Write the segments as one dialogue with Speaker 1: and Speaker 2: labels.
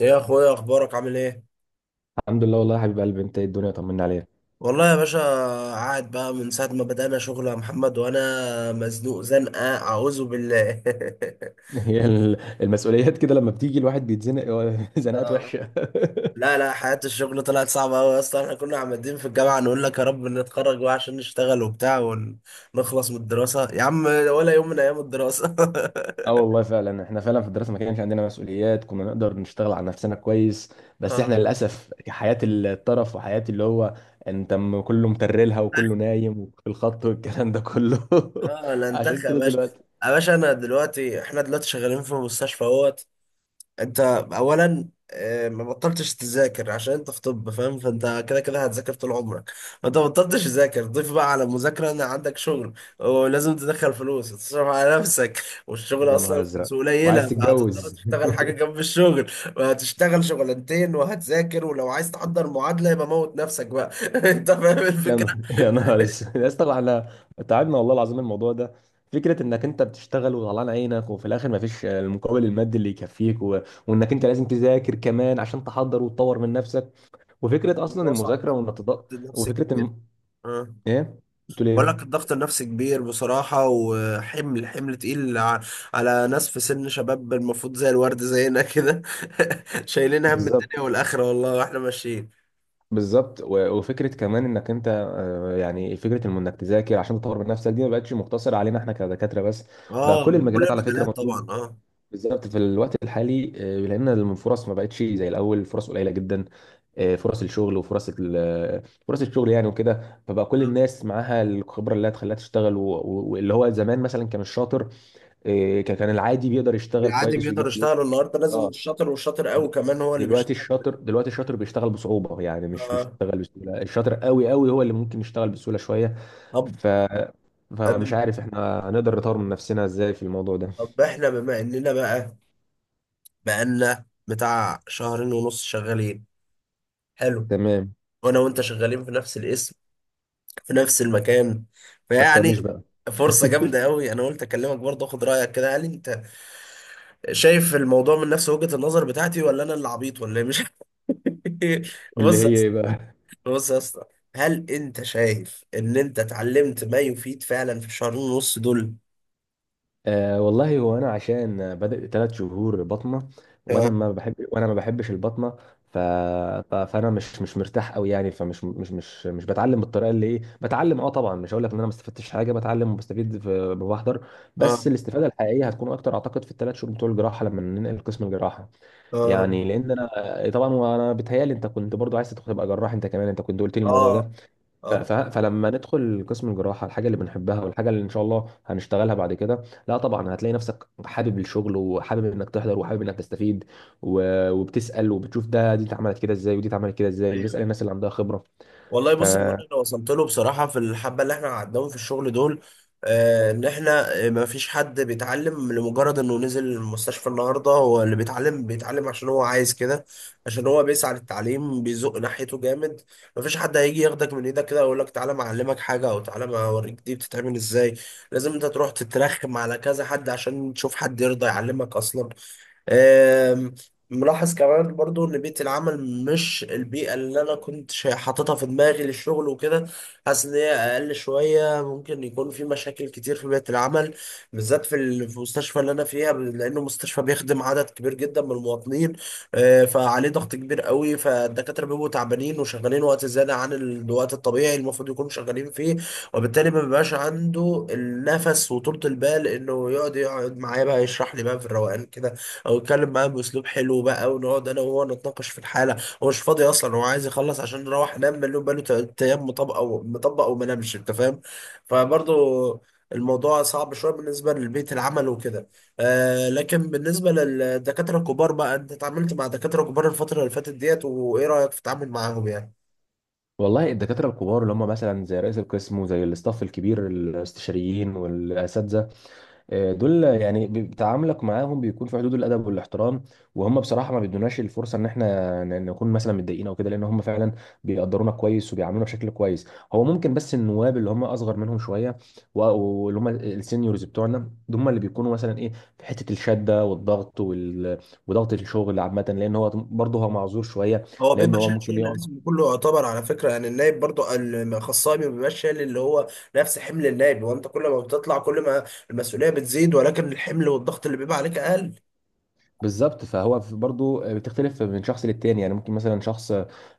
Speaker 1: ايه يا اخويا، اخبارك؟ عامل ايه؟
Speaker 2: الحمد لله، والله يا حبيب قلبي. انت ايه؟ الدنيا طمنا عليك.
Speaker 1: والله يا باشا. قاعد بقى من ساعه ما بدأنا شغل يا محمد، وانا مزنوق زنقه اعوذ بالله.
Speaker 2: هي المسؤوليات كده لما بتيجي الواحد بيتزنق هو زنقات
Speaker 1: اه.
Speaker 2: وحشه.
Speaker 1: لا لا، حياه الشغل طلعت صعبه قوي، اصلا احنا كنا عمالين في الجامعه نقول لك يا رب نتخرج بقى عشان نشتغل وبتاع، ونخلص من الدراسه يا عم، ولا يوم من ايام الدراسه.
Speaker 2: اه، والله فعلا احنا فعلا في الدراسه ما كانش عندنا مسؤوليات، كنا نقدر نشتغل على نفسنا كويس. بس احنا
Speaker 1: اه.
Speaker 2: للاسف حياه الطرف وحياه اللي هو انت كله مترلها وكله نايم وفي الخط والكلام ده كله.
Speaker 1: اه لا،
Speaker 2: عشان
Speaker 1: انتخ يا
Speaker 2: كده
Speaker 1: باشا.
Speaker 2: دلوقتي
Speaker 1: يا باشا، انا دلوقتي احنا دلوقتي شغالين في مستشفى اهوت. انت اولا ما بطلتش تذاكر عشان انت في طب فاهم، فانت كده كده هتذاكر طول عمرك. فانت ما بطلتش تذاكر، ضيف بقى على المذاكره ان عندك شغل، ولازم تدخل فلوس وتصرف على نفسك، والشغل
Speaker 2: يا نهار
Speaker 1: اصلا
Speaker 2: ازرق،
Speaker 1: فلوسه
Speaker 2: وعايز
Speaker 1: قليله، فهتضطر
Speaker 2: تتجوز.
Speaker 1: تشتغل حاجه جنب الشغل، وهتشتغل شغلانتين وهتذاكر، ولو عايز تحضر معادله يبقى موت نفسك بقى. انت فاهم
Speaker 2: يا
Speaker 1: الفكره؟
Speaker 2: نهار، يا نهار اسود يا اسطى. احنا تعبنا والله العظيم. الموضوع ده فكره انك انت بتشتغل وطلعان عينك وفي الاخر ما فيش المقابل المادي اللي يكفيك وانك انت لازم تذاكر كمان عشان تحضر وتطور من نفسك. وفكره اصلا
Speaker 1: الموضوع صعب
Speaker 2: المذاكره
Speaker 1: بصراحه،
Speaker 2: وانك تض...
Speaker 1: ضغط نفسي
Speaker 2: وفكره
Speaker 1: كبير.
Speaker 2: الم...
Speaker 1: اه.
Speaker 2: ايه؟ بتقول
Speaker 1: بقول لك
Speaker 2: ايه؟
Speaker 1: الضغط النفسي كبير بصراحة، وحمل، حمل تقيل على ناس في سن شباب المفروض زي الورد زينا كده. شايلين هم
Speaker 2: بالظبط،
Speaker 1: الدنيا والآخرة والله، واحنا ماشيين.
Speaker 2: بالظبط. وفكره كمان انك انت يعني فكره انك تذاكر عشان تطور من نفسك دي ما بقتش مقتصره علينا احنا كدكاتره بس. بقى
Speaker 1: اه،
Speaker 2: كل
Speaker 1: بكل
Speaker 2: المجالات على فكره
Speaker 1: المجالات طبعا،
Speaker 2: مطلوب.
Speaker 1: اه.
Speaker 2: بالظبط في الوقت الحالي، لان الفرص ما بقتش زي الاول، فرص قليله جدا. فرص الشغل وفرص فرص الشغل يعني وكده، فبقى كل الناس معاها الخبره اللي هتخليها تشتغل، واللي هو زمان مثلا كان الشاطر كان العادي بيقدر يشتغل
Speaker 1: العادي
Speaker 2: كويس
Speaker 1: بيقدر
Speaker 2: ويجيب فلوس.
Speaker 1: يشتغل؟ النهارده لازم
Speaker 2: اه،
Speaker 1: الشاطر، والشاطر قوي
Speaker 2: د-
Speaker 1: كمان هو اللي بيشتغل.
Speaker 2: دلوقتي الشاطر بيشتغل بصعوبه يعني، مش
Speaker 1: آه.
Speaker 2: بيشتغل بسهوله. الشاطر قوي قوي هو اللي ممكن يشتغل بسهوله شويه.
Speaker 1: طب.
Speaker 2: ف
Speaker 1: طب.
Speaker 2: فمش عارف احنا هنقدر نطور من نفسنا ازاي في الموضوع ده.
Speaker 1: طب احنا بما اننا بقى، بقالنا بتاع شهرين ونص شغالين، حلو.
Speaker 2: تمام.
Speaker 1: وانا وانت شغالين في نفس الاسم، في نفس المكان،
Speaker 2: فكرنيش
Speaker 1: فيعني
Speaker 2: بقى.
Speaker 1: فرصة جامدة قوي. انا قلت اكلمك برضه، اخد رأيك كده، هل انت شايف الموضوع من نفس وجهة النظر بتاعتي، ولا انا اللي عبيط ولا إيه؟ مش
Speaker 2: اللي
Speaker 1: بص يا
Speaker 2: هي
Speaker 1: اسطى.
Speaker 2: ايه بقى؟
Speaker 1: بص يا اسطى، هل انت شايف ان انت اتعلمت ما يفيد فعلا في الشهرين ونص دول؟
Speaker 2: آه والله. هو انا عشان بدأ 3 شهور بطنه،
Speaker 1: اه،
Speaker 2: وانا ما بحبش البطنه. ف... فانا مش مرتاح قوي يعني. فمش مش مش مش بتعلم بالطريقه اللي ايه، بتعلم. اه طبعا مش هقول لك ان انا ما استفدتش حاجه، بتعلم وبستفيد بحضر. بس
Speaker 1: اه،
Speaker 2: الاستفاده الحقيقيه هتكون اكتر اعتقد في ال3 شهور بتوع الجراحه لما ننقل قسم الجراحه.
Speaker 1: اه،
Speaker 2: يعني لان انا طبعا وانا بيتهيألي انت كنت برضو عايز تبقى جراح انت كمان، انت كنت قلت لي الموضوع
Speaker 1: اه،
Speaker 2: ده.
Speaker 1: اه.
Speaker 2: فلما ندخل قسم الجراحه، الحاجه اللي بنحبها والحاجه اللي ان شاء الله هنشتغلها بعد كده، لا طبعا هتلاقي نفسك حابب الشغل وحابب انك تحضر وحابب انك تستفيد. وبتسال وبتشوف دي اتعملت كده ازاي، ودي اتعملت كده ازاي، وتسال
Speaker 1: أيوه.
Speaker 2: الناس اللي عندها خبره.
Speaker 1: والله
Speaker 2: ف
Speaker 1: بص، هو انا اللي وصلت له بصراحه في الحبه اللي احنا قعدناهم في الشغل دول ان احنا ما فيش حد بيتعلم لمجرد انه نزل المستشفى. النهارده هو اللي بيتعلم، بيتعلم عشان هو عايز كده، عشان هو بيسعى للتعليم بيزق ناحيته جامد. ما فيش حد هيجي ياخدك من ايدك كده ويقول لك تعالى ما اعلمك حاجه، او تعالى ما اوريك دي بتتعمل ازاي. لازم انت تروح تترخم على كذا حد عشان تشوف حد يرضى يعلمك اصلا. آم، ملاحظ كمان برضو ان بيئة العمل مش البيئة اللي انا كنت حاططها في دماغي للشغل وكده. حاسس ان هي اقل شوية، ممكن يكون في مشاكل كتير في بيئة العمل، بالذات في المستشفى اللي انا فيها لانه مستشفى بيخدم عدد كبير جدا من المواطنين. فعليه ضغط كبير قوي، فالدكاترة بيبقوا تعبانين وشغالين وقت زيادة عن الوقت الطبيعي المفروض يكونوا شغالين فيه، وبالتالي ما بيبقاش عنده النفس وطولة البال انه يقعد يقعد معايا بقى يشرح لي بقى في الروقان كده، او يتكلم معاه باسلوب حلو بقى ونقعد انا وهو نتناقش في الحاله. هو مش فاضي اصلا، هو عايز يخلص عشان نروح انام مليون، بقاله تلات ايام مطبق او مطبق وما نامش، انت فاهم. فبرضه الموضوع صعب شويه بالنسبه لبيئه العمل وكده. آه، لكن بالنسبه للدكاتره الكبار بقى، انت اتعاملت مع دكاتره كبار الفتره اللي فاتت ديت، وايه رايك في التعامل معاهم يعني؟
Speaker 2: والله الدكاتره الكبار اللي هم مثلا زي رئيس القسم وزي الاستاف الكبير، الاستشاريين والاساتذه، دول يعني تعاملك معاهم بيكون في حدود الادب والاحترام. وهم بصراحه ما بيدوناش الفرصه ان احنا نكون مثلا متضايقين او كده، لان هم فعلا بيقدرونا كويس وبيعاملونا بشكل كويس. هو ممكن بس النواب اللي هم اصغر منهم شويه، واللي هم السينيورز بتوعنا، دول هم اللي بيكونوا مثلا ايه، في حته الشده والضغط وضغط الشغل عامه، لان هو برضه هو معذور شويه،
Speaker 1: هو
Speaker 2: لان
Speaker 1: بيبقى
Speaker 2: هو
Speaker 1: شايل
Speaker 2: ممكن
Speaker 1: شغل
Speaker 2: يقعد.
Speaker 1: الاسم كله يعتبر على فكره، يعني النايب برضو، الخصائي ما بيبقاش شايل اللي هو نفس حمل النايب. هو انت كل ما بتطلع، كل ما المسؤوليه بتزيد، ولكن الحمل والضغط اللي بيبقى عليك اقل.
Speaker 2: بالظبط. فهو برضو بتختلف من شخص للتاني يعني. ممكن مثلا شخص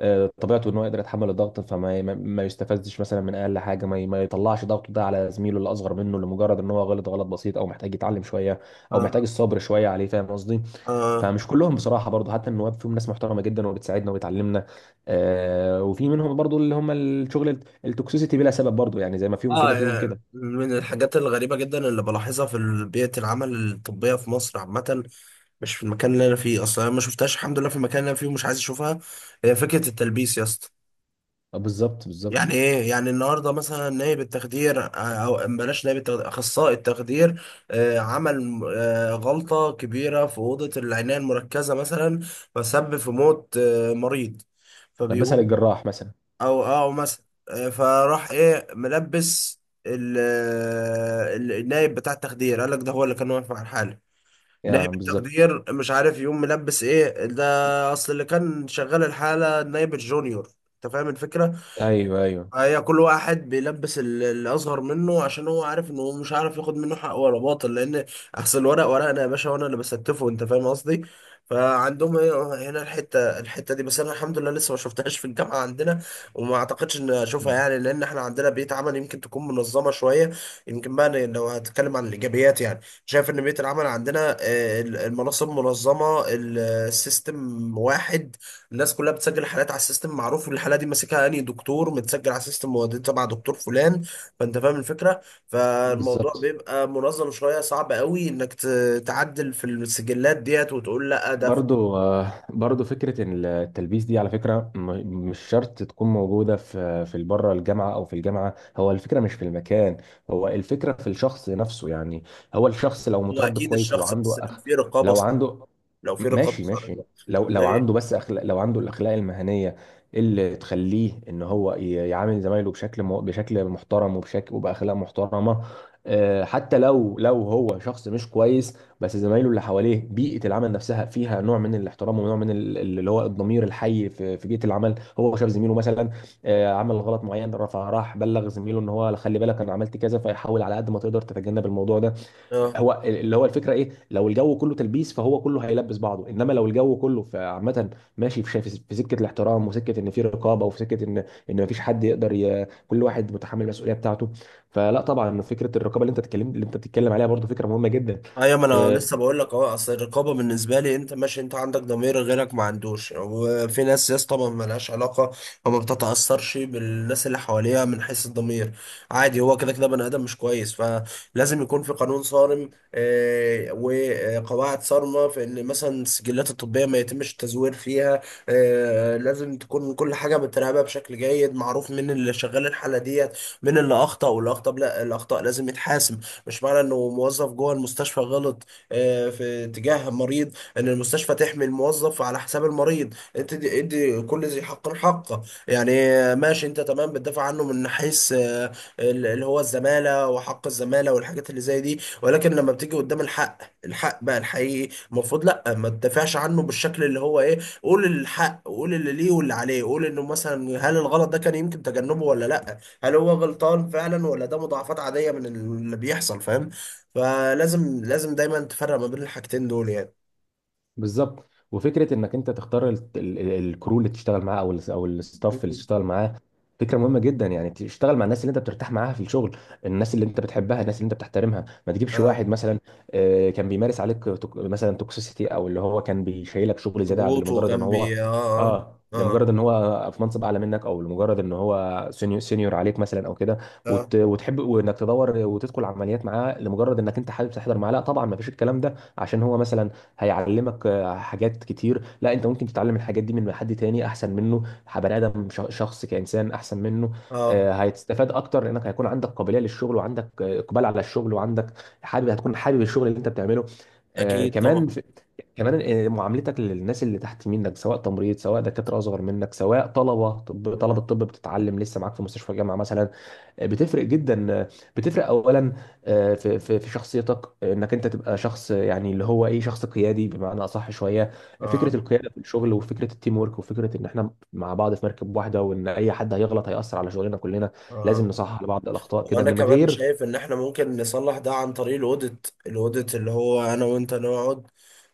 Speaker 2: طبيعته ان هو يقدر يتحمل الضغط، فما ما يستفزش مثلا من اقل حاجه، ما ما يطلعش ضغطه ده على زميله اللي اصغر منه لمجرد ان هو غلط غلط بسيط، او محتاج يتعلم شويه، او
Speaker 1: اه،
Speaker 2: محتاج الصبر شويه عليه. فاهم قصدي؟
Speaker 1: اه.
Speaker 2: فمش كلهم بصراحه برضو، حتى النواب فيهم ناس محترمه جدا وبتساعدنا وبتعلمنا. وفي منهم برضو اللي هم الشغل التوكسيسيتي بلا سبب برضو يعني. زي ما فيهم
Speaker 1: اه،
Speaker 2: كده فيهم
Speaker 1: يا-
Speaker 2: كده.
Speaker 1: من الحاجات الغريبة جدا اللي بلاحظها بيئة العمل الطبية في مصر عامة، مش في المكان اللي أنا فيه. أصلا أنا ما شفتهاش الحمد لله في المكان اللي أنا فيه، ومش عايز أشوفها. هي فكرة التلبيس يا اسطى.
Speaker 2: بالظبط،
Speaker 1: يعني
Speaker 2: بالظبط.
Speaker 1: ايه؟ يعني النهارده مثلا نائب التخدير او بلاش نائب التخدير، اخصائي التخدير عمل غلطه كبيره في اوضه العنايه المركزه مثلا، فسبب في موت مريض.
Speaker 2: لبسها
Speaker 1: فبيقوم،
Speaker 2: للجراح مثلا.
Speaker 1: او او مثلا فراح ايه ملبس النائب بتاع التخدير، قال لك ده هو اللي كان واقف على الحاله. نائب
Speaker 2: يا بالظبط.
Speaker 1: التخدير مش عارف يقوم ملبس ايه ده، اصل اللي كان شغال الحاله النائب الجونيور. انت فاهم الفكره؟
Speaker 2: ايوه، ايوه.
Speaker 1: هي كل واحد بيلبس اللي اصغر منه، عشان هو عارف ان هو مش عارف ياخد منه حق ولا باطل، لان اصل الورق ورقنا يا باشا، وانا اللي بستفه، انت فاهم قصدي. فعندهم هنا الحته، الحته دي. بس انا الحمد لله لسه ما شفتهاش في الجامعه عندنا، وما اعتقدش ان اشوفها يعني، لان احنا عندنا بيئه عمل يمكن تكون منظمه شويه. يمكن بقى أنا لو هتكلم عن الايجابيات يعني، شايف ان بيئه العمل عندنا المناصب منظمه، السيستم واحد. الناس كلها بتسجل الحالات على السيستم معروف، والحاله دي ماسكها انهي دكتور متسجل على السيستم مودي تبع دكتور فلان، فانت فاهم الفكره. فالموضوع
Speaker 2: بالظبط.
Speaker 1: بيبقى منظم شويه، صعب قوي تعدل في السجلات ديت وتقول لا ده
Speaker 2: برضو برضو فكرة إن التلبيس دي على فكرة مش شرط تكون موجودة في بره الجامعة أو في الجامعة. هو الفكرة مش في المكان، هو الفكرة في الشخص نفسه يعني. هو الشخص لو
Speaker 1: هو
Speaker 2: متربي
Speaker 1: اكيد
Speaker 2: كويس
Speaker 1: الشخص، بس
Speaker 2: وعنده
Speaker 1: لو
Speaker 2: أخ،
Speaker 1: في رقابه
Speaker 2: لو
Speaker 1: صح،
Speaker 2: عنده.
Speaker 1: لو في رقابه
Speaker 2: ماشي، ماشي.
Speaker 1: صارمه.
Speaker 2: لو
Speaker 1: و-
Speaker 2: عنده بس أخلاق، لو عنده الأخلاق المهنية اللي تخليه إن هو يعامل زمايله بشكل بشكل محترم وبشكل وبأخلاق محترمة، حتى لو هو شخص مش كويس. بس زمايله اللي حواليه، بيئة العمل نفسها فيها نوع من الاحترام ونوع من اللي هو الضمير الحي في بيئة العمل. هو شاف زميله مثلا عمل غلط معين، رفع راح بلغ زميله ان هو خلي بالك انا عملت كذا، فيحاول على قد ما تقدر تتجنب الموضوع ده.
Speaker 1: اه،
Speaker 2: هو اللي هو الفكرة ايه. لو الجو كله تلبيس فهو كله هيلبس بعضه، انما لو الجو كله عامة ماشي في سكة الاحترام وسكة ان في رقابة، وفي سكة ان مفيش حد يقدر كل واحد متحمل المسؤولية بتاعته. فلا طبعا فكرة الرقابة اللي انت بتتكلم عليها برضو فكرة مهمة جدا.
Speaker 1: ايوه ما انا
Speaker 2: آه،
Speaker 1: لسه بقول لك اهو، اصل الرقابه بالنسبه لي، انت ماشي انت عندك ضمير، غيرك ما عندوش. وفي ناس يا اسطى ما لهاش علاقه، او ما بتتاثرش بالناس اللي حواليها من حيث الضمير. عادي، هو كده كده بني ادم مش كويس، فلازم يكون في قانون صارم وقواعد صارمه في ان مثلا السجلات الطبيه ما يتمش التزوير فيها. لازم تكون كل حاجه متراقبه بشكل جيد، معروف مين اللي شغال الحاله ديت، مين اللي اخطا. والاخطاء، لا الاخطاء لازم يتحاسب. مش معنى انه موظف جوه المستشفى غلط في تجاه مريض ان المستشفى تحمي الموظف على حساب المريض. انت ادي ادي كل ذي حق حقه، يعني ماشي انت تمام بتدافع عنه من حيث اللي هو الزمالة وحق الزمالة والحاجات اللي زي دي. ولكن لما بتيجي قدام الحق، الحق بقى الحقيقي المفروض لا ما تدافعش عنه بالشكل اللي هو ايه، قول الحق، قول اللي ليه واللي عليه، قول انه مثلا هل الغلط ده كان يمكن تجنبه ولا لا، هل هو غلطان فعلا ولا ده مضاعفات عادية من اللي بيحصل فاهم. فلازم لازم دايما تفرق ما بين الحاجتين دول يعني.
Speaker 2: بالظبط. وفكره انك انت تختار الكرو اللي تشتغل معاه، او او الستاف اللي
Speaker 1: مم.
Speaker 2: تشتغل معاه، فكره مهمه جدا يعني. تشتغل مع الناس اللي انت بترتاح معاها في الشغل، الناس اللي انت بتحبها، الناس اللي انت بتحترمها. ما تجيبش
Speaker 1: اه،
Speaker 2: واحد مثلا كان بيمارس عليك مثلا توكسيسيتي، او اللي هو كان بيشيلك شغل زياده
Speaker 1: ضغوط
Speaker 2: لمجرد ان هو
Speaker 1: وجنبي اه.
Speaker 2: اه لمجرد
Speaker 1: اه،
Speaker 2: ان هو في منصب اعلى منك، او لمجرد ان هو سينيور سينيور عليك مثلا او كده.
Speaker 1: اه، اه,
Speaker 2: وتحب وانك تدور وتدخل عمليات معاه لمجرد انك انت حابب تحضر معاه. لا طبعا ما فيش الكلام ده. عشان هو مثلا هيعلمك حاجات كتير؟ لا، انت ممكن تتعلم الحاجات دي من حد تاني احسن منه. بني ادم شخص كانسان احسن منه،
Speaker 1: آه.
Speaker 2: هتستفاد اكتر، لانك هيكون عندك قابليه للشغل، وعندك اقبال على الشغل، وعندك حابب هتكون حابب الشغل اللي انت بتعمله.
Speaker 1: اكيد طبعا.
Speaker 2: كمان، كمان معاملتك للناس اللي تحت منك سواء تمريض، سواء دكاتره اصغر منك، سواء طلبه طب،
Speaker 1: مم.
Speaker 2: طلبه طب بتتعلم لسه معاك في مستشفى الجامعه مثلا، بتفرق جدا. بتفرق اولا في شخصيتك، انك انت تبقى شخص، يعني اللي هو ايه، شخص قيادي بمعنى اصح شويه.
Speaker 1: اه،
Speaker 2: فكره القياده في الشغل، وفكره التيم ورك، وفكره ان احنا مع بعض في مركب واحده، وان اي حد هيغلط هياثر على شغلنا كلنا.
Speaker 1: اه.
Speaker 2: لازم نصحح لبعض الاخطاء كده
Speaker 1: وانا
Speaker 2: من
Speaker 1: كمان
Speaker 2: غير
Speaker 1: شايف ان احنا ممكن نصلح ده عن طريق الاوديت. الاوديت اللي هو انا وانت نقعد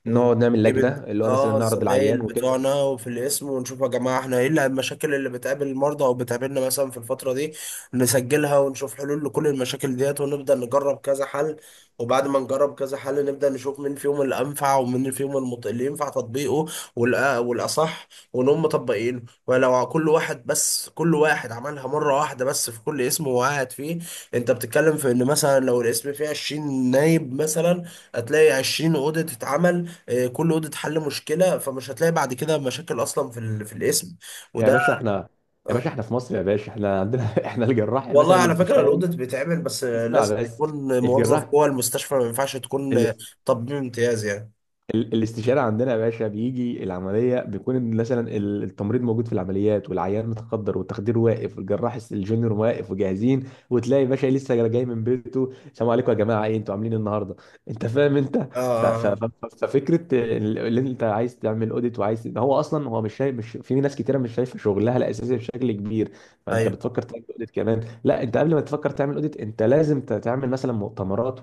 Speaker 2: نقعد نعمل
Speaker 1: ونجيب
Speaker 2: لجنه اللي هو مثلا
Speaker 1: اه
Speaker 2: نعرض
Speaker 1: الزمايل
Speaker 2: العيان وكده.
Speaker 1: بتوعنا وفي الاسم، ونشوف يا جماعه احنا ايه المشاكل اللي بتقابل المرضى او بتقابلنا مثلا في الفتره دي. نسجلها ونشوف حلول لكل المشاكل ديت، ونبدا نجرب كذا حل. وبعد ما نجرب كذا حل نبدا نشوف مين فيهم اللي انفع، ومين فيهم اللي ينفع تطبيقه والاصح، ونقوم مطبقينه. ولو كل واحد بس، كل واحد عملها مره واحده بس في كل اسم وقعد فيه، انت بتتكلم في ان مثلا لو القسم فيه 20 نايب مثلا، هتلاقي 20 اوضه تتعمل اه، كل اوضه حل مشكله، فمش هتلاقي بعد كده مشاكل اصلا في القسم.
Speaker 2: يا
Speaker 1: وده...
Speaker 2: باشا احنا يا باشا
Speaker 1: اه.
Speaker 2: احنا في مصر، يا باشا احنا عندنا احنا الجراح
Speaker 1: والله
Speaker 2: مثلا
Speaker 1: على فكره
Speaker 2: الاستشاري.
Speaker 1: الاوديت بيتعمل، بس اه،
Speaker 2: اسمع
Speaker 1: لازم
Speaker 2: بس.
Speaker 1: يكون موظف
Speaker 2: الجراح
Speaker 1: جوه المستشفى، ما ينفعش تكون اه، طبيب امتياز يعني.
Speaker 2: الاستشارة عندنا يا باشا بيجي العملية بيكون إن مثلا التمريض موجود في العمليات، والعيان متخدر، والتخدير واقف، والجراح الجونيور واقف وجاهزين. وتلاقي باشا لسه جاي من بيته: السلام عليكم يا جماعة، ايه انتوا عاملين إيه النهاردة؟ انت فاهم انت. ف- ف-
Speaker 1: اه،
Speaker 2: ف- ففكرة اللي انت عايز تعمل اوديت، وعايز إن هو اصلا هو مش شايف، مش في ناس كتيرة مش شايفة شغلها الأساسي بشكل كبير،
Speaker 1: اه، اه.
Speaker 2: فانت
Speaker 1: ايوه.
Speaker 2: بتفكر تعمل اوديت كمان؟ لا، انت قبل ما تفكر تعمل اوديت انت لازم تعمل مثلا مؤتمرات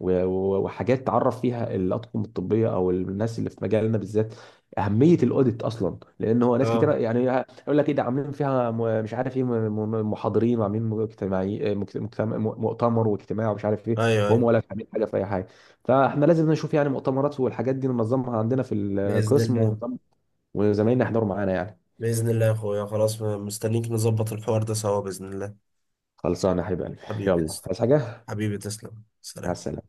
Speaker 2: وحاجات تعرف فيها الاطقم الطبيه او الناس اللي في مجالنا بالذات اهميه الاوديت اصلا، لان هو ناس كتير
Speaker 1: اه،
Speaker 2: يعني يقول لك ايه ده عاملين فيها مش عارف ايه، محاضرين وعاملين مجتمعي مجتمع مؤتمر واجتماع ومش عارف ايه،
Speaker 1: ايوه
Speaker 2: وهم
Speaker 1: ايوه.
Speaker 2: ولا عاملين حاجه في اي حاجه. فاحنا لازم نشوف يعني مؤتمرات والحاجات دي ننظمها عندنا في
Speaker 1: باذن
Speaker 2: القسم
Speaker 1: الله.
Speaker 2: وزمايلنا يحضروا معانا يعني.
Speaker 1: باذن الله يا اخويا، خلاص مستنيك نظبط الحوار ده سوا باذن الله.
Speaker 2: خلصانه يا حبيب قلبي.
Speaker 1: حبيبي
Speaker 2: يلا،
Speaker 1: تسلم،
Speaker 2: عايز حاجه؟
Speaker 1: حبيبي تسلم
Speaker 2: مع
Speaker 1: سلام.
Speaker 2: السلامه.